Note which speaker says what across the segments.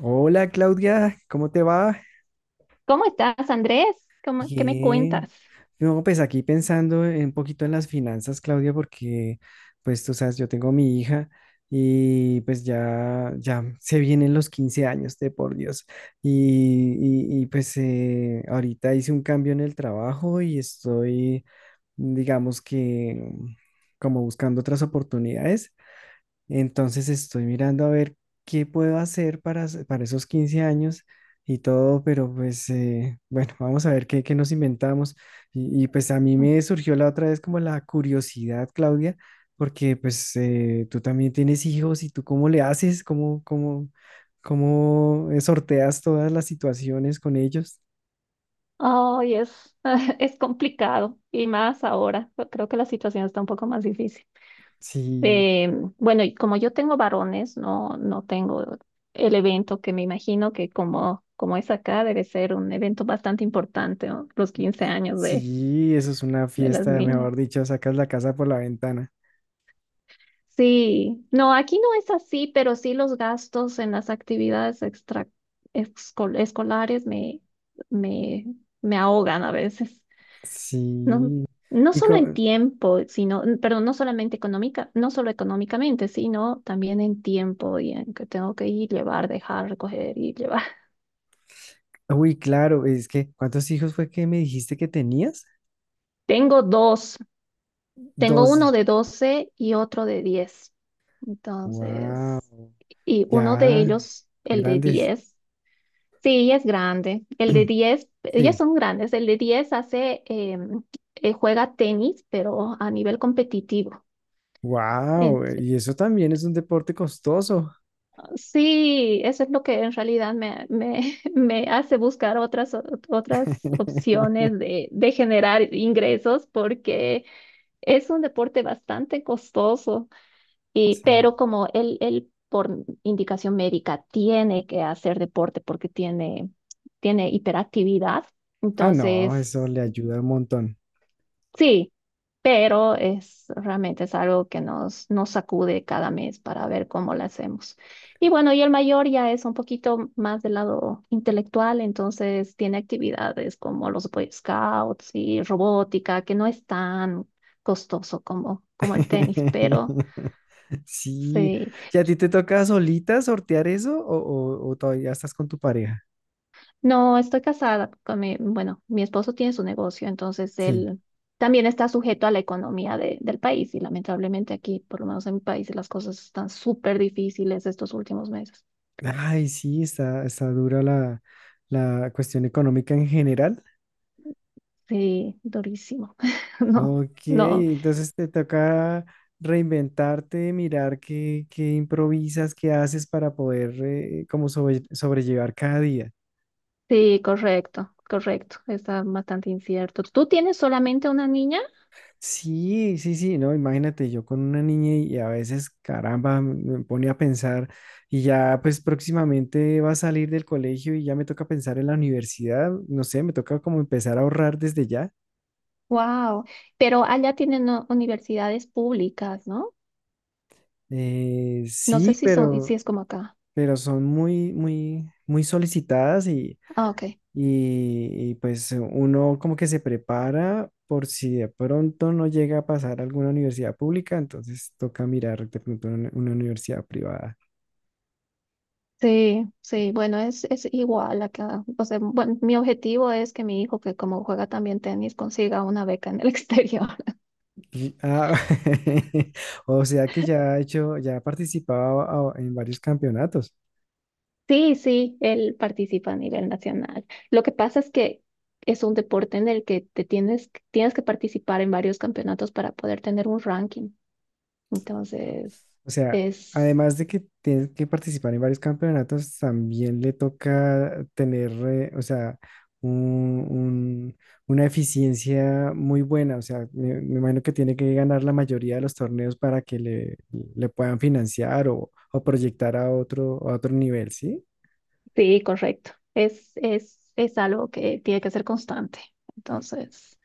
Speaker 1: Hola Claudia, ¿cómo te va?
Speaker 2: ¿Cómo estás, Andrés? ¿Qué me
Speaker 1: Bien.
Speaker 2: cuentas?
Speaker 1: No, pues aquí pensando un poquito en las finanzas, Claudia, porque pues tú sabes, yo tengo mi hija y pues ya se vienen los 15 años de por Dios. Y ahorita hice un cambio en el trabajo y estoy, digamos que como buscando otras oportunidades. Entonces estoy mirando a ver qué puedo hacer para esos 15 años y todo, pero pues bueno, vamos a ver qué nos inventamos. Pues a mí me surgió la otra vez como la curiosidad, Claudia, porque pues tú también tienes hijos y tú cómo le haces, cómo, cómo, cómo sorteas todas las situaciones con ellos.
Speaker 2: Ay, es, es complicado y más ahora. Yo creo que la situación está un poco más difícil.
Speaker 1: Sí,
Speaker 2: Eh, bueno, y como yo tengo varones, no tengo el evento que me imagino que como es acá, debe ser un evento bastante importante, ¿no? Los 15 años
Speaker 1: sí, eso es una
Speaker 2: de las
Speaker 1: fiesta,
Speaker 2: niñas.
Speaker 1: mejor dicho, sacas la casa por la ventana.
Speaker 2: Sí, no, aquí no es así, pero sí los gastos en las actividades escolares me, me ahogan a veces. No,
Speaker 1: Sí.
Speaker 2: no
Speaker 1: ¿Y
Speaker 2: solo en
Speaker 1: cómo?
Speaker 2: tiempo, perdón, no solamente económica, no solo económicamente, sino también en tiempo y en que tengo que ir, llevar, dejar, recoger y llevar.
Speaker 1: Uy, claro, es que, ¿cuántos hijos fue que me dijiste que tenías?
Speaker 2: Tengo dos, tengo
Speaker 1: 12.
Speaker 2: uno de 12 y otro de 10.
Speaker 1: Wow,
Speaker 2: Entonces, y uno de
Speaker 1: ya,
Speaker 2: ellos, el de
Speaker 1: grandes.
Speaker 2: 10, sí, es grande. El de 10 ya
Speaker 1: Sí,
Speaker 2: son grandes. El de 10 hace, juega tenis, pero a nivel competitivo.
Speaker 1: wow, y eso también es un deporte costoso.
Speaker 2: Sí, eso es lo que en realidad me hace buscar otras opciones de generar ingresos porque es un deporte bastante costoso, y,
Speaker 1: Sí.
Speaker 2: pero como él por indicación médica tiene que hacer deporte porque tiene hiperactividad,
Speaker 1: Ah, no,
Speaker 2: entonces...
Speaker 1: eso le ayuda un montón.
Speaker 2: Sí, pero es realmente es algo que nos sacude cada mes para ver cómo lo hacemos. Y bueno, y el mayor ya es un poquito más del lado intelectual, entonces tiene actividades como los Boy Scouts y robótica, que no es tan costoso como el tenis, pero
Speaker 1: Sí,
Speaker 2: sí.
Speaker 1: ¿y a ti te toca solita sortear eso o todavía estás con tu pareja?
Speaker 2: No, estoy casada con mi, bueno, mi esposo tiene su negocio, entonces
Speaker 1: Sí.
Speaker 2: él también está sujeto a la economía del país y lamentablemente aquí, por lo menos en mi país, las cosas están súper difíciles estos últimos meses.
Speaker 1: Ay, sí, está dura la cuestión económica en general.
Speaker 2: Sí, durísimo. No,
Speaker 1: Ok,
Speaker 2: no,
Speaker 1: entonces te toca reinventarte, mirar qué improvisas, qué haces para poder como sobrellevar cada día.
Speaker 2: sí, correcto, correcto. Está bastante incierto. ¿Tú tienes solamente una niña?
Speaker 1: Sí, sí, sí, no, imagínate yo con una niña y a veces, caramba, me pone a pensar y ya pues próximamente va a salir del colegio y ya me toca pensar en la universidad, no sé, me toca como empezar a ahorrar desde ya.
Speaker 2: Wow, pero allá tienen no, universidades públicas, ¿no? No sé
Speaker 1: Sí,
Speaker 2: si son,
Speaker 1: pero,
Speaker 2: si es como acá.
Speaker 1: pero son muy, muy, muy solicitadas y...
Speaker 2: Ah, ok.
Speaker 1: Pues uno como que se prepara por si de pronto no llega a pasar a alguna universidad pública, entonces toca mirar de pronto una universidad privada.
Speaker 2: Sí, sí, bueno, es igual acá. O sea, bueno, mi objetivo es que mi hijo, que como juega también tenis, consiga una beca en el exterior.
Speaker 1: Ah, o sea que ya ha hecho, ya ha participado en varios campeonatos.
Speaker 2: Sí, sí, él participa a nivel nacional. Lo que pasa es que es un deporte en el que te tienes que participar en varios campeonatos para poder tener un ranking. Entonces,
Speaker 1: O sea,
Speaker 2: es,
Speaker 1: además de que tienes que participar en varios campeonatos, también le toca tener, o sea, un- un- una eficiencia muy buena. O sea, me imagino que tiene que ganar la mayoría de los torneos para que le puedan financiar o proyectar a otro nivel, ¿sí?
Speaker 2: sí, correcto. Es algo que tiene que ser constante. Entonces.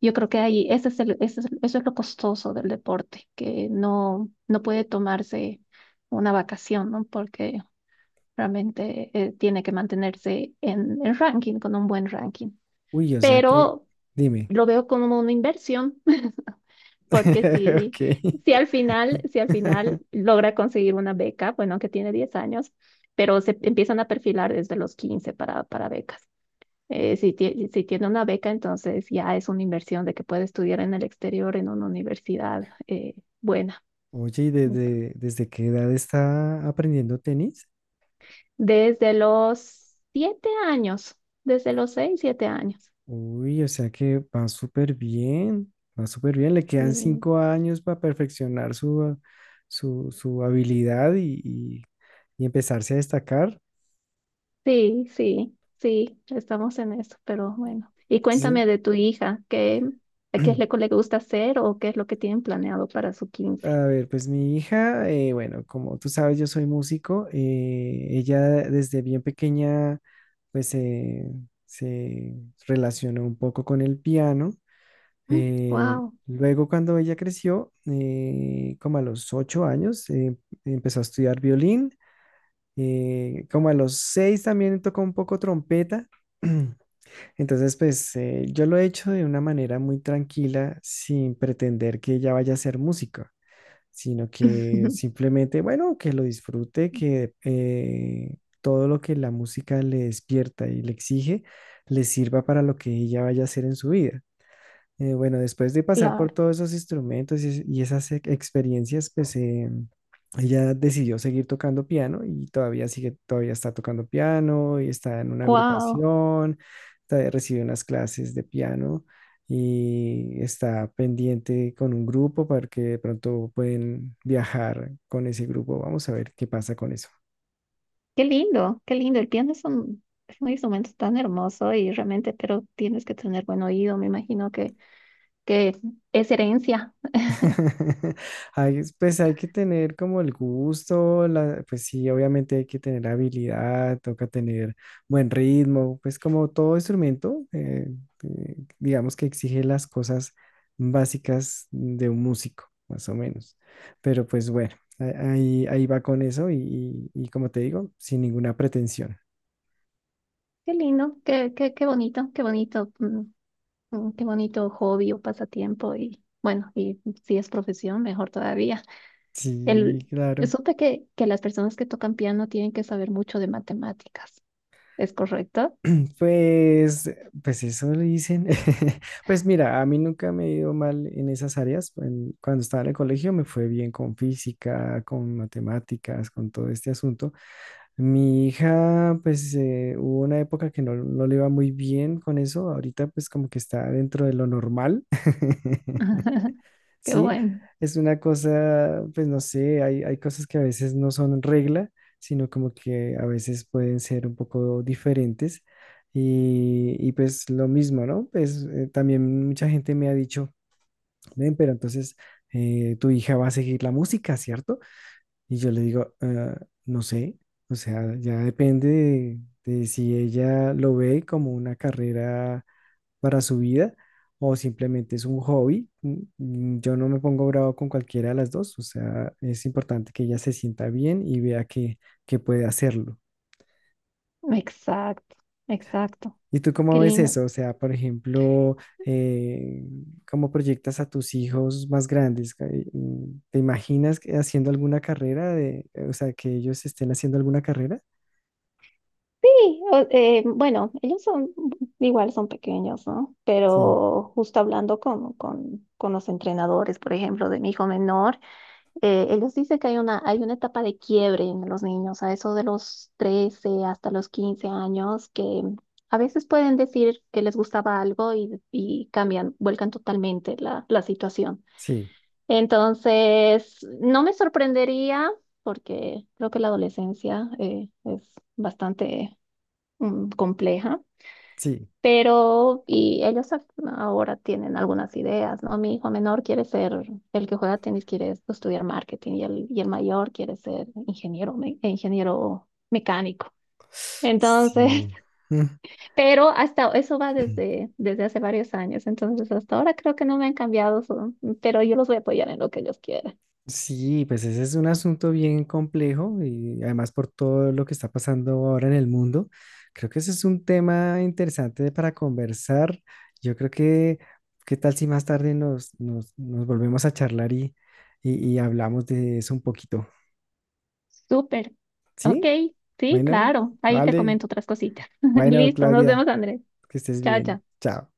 Speaker 2: Yo creo que ahí ese es el- ese es- eso es lo costoso del deporte, que no, no puede tomarse una vacación, ¿no? Porque realmente tiene que mantenerse en el ranking, con un buen ranking.
Speaker 1: Uy, o sea que,
Speaker 2: Pero
Speaker 1: dime.
Speaker 2: lo veo como una inversión. Porque
Speaker 1: Ok.
Speaker 2: si al final logra conseguir una beca, bueno, que tiene 10 años, pero se empiezan a perfilar desde los 15 para becas. Si tiene una beca, entonces ya es una inversión de que puede estudiar en el exterior en una universidad buena.
Speaker 1: Oye, ¿y desde qué edad está aprendiendo tenis?
Speaker 2: Desde los 7 años, siete años.
Speaker 1: Uy, o sea que va súper bien, va súper bien. Le
Speaker 2: Sí,
Speaker 1: quedan 5 años para perfeccionar su habilidad y empezarse a destacar,
Speaker 2: sí, estamos en eso, pero bueno. Y
Speaker 1: ¿sí?
Speaker 2: cuéntame de tu hija, ¿qué, qué es lo que le gusta hacer o qué es lo que tienen planeado para su quince?
Speaker 1: A ver, pues mi hija, bueno, como tú sabes, yo soy músico. Ella desde bien pequeña, pues se relacionó un poco con el piano. eh,
Speaker 2: Wow,
Speaker 1: Luego, cuando ella creció, como a los 8 años, empezó a estudiar violín. Como a los seis también tocó un poco trompeta. Entonces, pues yo lo he hecho de una manera muy tranquila, sin pretender que ella vaya a ser músico, sino que simplemente, bueno, que lo disfrute, que todo lo que la música le despierta y le exige, le sirva para lo que ella vaya a hacer en su vida. Bueno, después de pasar por
Speaker 2: claro,
Speaker 1: todos esos instrumentos y esas experiencias, pues ella decidió seguir tocando piano y todavía sigue, todavía está tocando piano y está en una
Speaker 2: wow.
Speaker 1: agrupación, todavía recibe unas clases de piano y está pendiente con un grupo para que de pronto pueden viajar con ese grupo. Vamos a ver qué pasa con eso.
Speaker 2: Qué lindo, qué lindo. El piano es un instrumento tan hermoso y realmente, pero tienes que tener buen oído. Me imagino que es herencia.
Speaker 1: Pues hay que tener como el gusto, pues sí, obviamente hay que tener habilidad, toca tener buen ritmo, pues como todo instrumento, digamos que exige las cosas básicas de un músico, más o menos. Pero pues bueno, ahí va con eso y, como te digo, sin ninguna pretensión.
Speaker 2: Qué lindo, qué, qué, qué bonito, mm, mm, qué bonito hobby o pasatiempo. Y bueno, y si es profesión, mejor todavía.
Speaker 1: Sí,
Speaker 2: El,
Speaker 1: claro.
Speaker 2: supe que las personas que tocan piano tienen que saber mucho de matemáticas. ¿Es correcto?
Speaker 1: Pues, pues eso le dicen. Pues mira, a mí nunca me he ido mal en esas áreas. Cuando estaba en el colegio me fue bien con física, con matemáticas, con todo este asunto. Mi hija, pues hubo una época que no le iba muy bien con eso. Ahorita pues como que está dentro de lo normal.
Speaker 2: Qué
Speaker 1: Sí,
Speaker 2: bueno.
Speaker 1: es una cosa, pues no sé, hay cosas que a veces no son regla, sino como que a veces pueden ser un poco diferentes. Pues lo mismo, ¿no? Pues también mucha gente me ha dicho, ven, pero entonces tu hija va a seguir la música, ¿cierto? Y yo le digo, "Ah, no sé, o sea, ya depende de si ella lo ve como una carrera para su vida o simplemente es un hobby." Yo no me pongo bravo con cualquiera de las dos, o sea, es importante que ella se sienta bien y vea que puede hacerlo.
Speaker 2: Exacto, exacto.
Speaker 1: ¿Y tú cómo
Speaker 2: Qué
Speaker 1: ves
Speaker 2: lindo.
Speaker 1: eso? O sea, por ejemplo, eh, ¿cómo proyectas a tus hijos más grandes? ¿Te imaginas que haciendo alguna carrera de, o sea, que ellos estén haciendo alguna carrera?
Speaker 2: Sí, bueno, igual son pequeños, ¿no?
Speaker 1: Sí,
Speaker 2: Pero justo hablando con los entrenadores, por ejemplo, de mi hijo menor, ellos dicen que hay una etapa de quiebre en los niños, a eso de los 13 hasta los 15 años, que a veces pueden decir que les gustaba algo y cambian, vuelcan totalmente la situación.
Speaker 1: sí,
Speaker 2: Entonces, no me sorprendería, porque creo que la adolescencia es bastante mm, compleja,
Speaker 1: sí,
Speaker 2: pero y ahora tienen algunas ideas, ¿no? Mi hijo menor quiere ser, el que juega tenis quiere estudiar marketing y y el mayor quiere ser ingeniero, ingeniero mecánico. Entonces,
Speaker 1: sí.
Speaker 2: pero hasta eso va desde hace varios años, entonces hasta ahora creo que no me han cambiado, su- pero yo los voy a apoyar en lo que ellos quieran.
Speaker 1: Sí, pues ese es un asunto bien complejo y además por todo lo que está pasando ahora en el mundo, creo que ese es un tema interesante para conversar. Yo creo que, ¿qué tal si más tarde nos volvemos a charlar y hablamos de eso un poquito?
Speaker 2: Súper. Ok,
Speaker 1: ¿Sí?
Speaker 2: sí,
Speaker 1: Bueno,
Speaker 2: claro. Ahí te
Speaker 1: vale.
Speaker 2: comento otras cositas.
Speaker 1: Bueno,
Speaker 2: Listo, nos vemos,
Speaker 1: Claudia,
Speaker 2: Andrés.
Speaker 1: que estés
Speaker 2: Chao,
Speaker 1: bien.
Speaker 2: chao.
Speaker 1: Chao.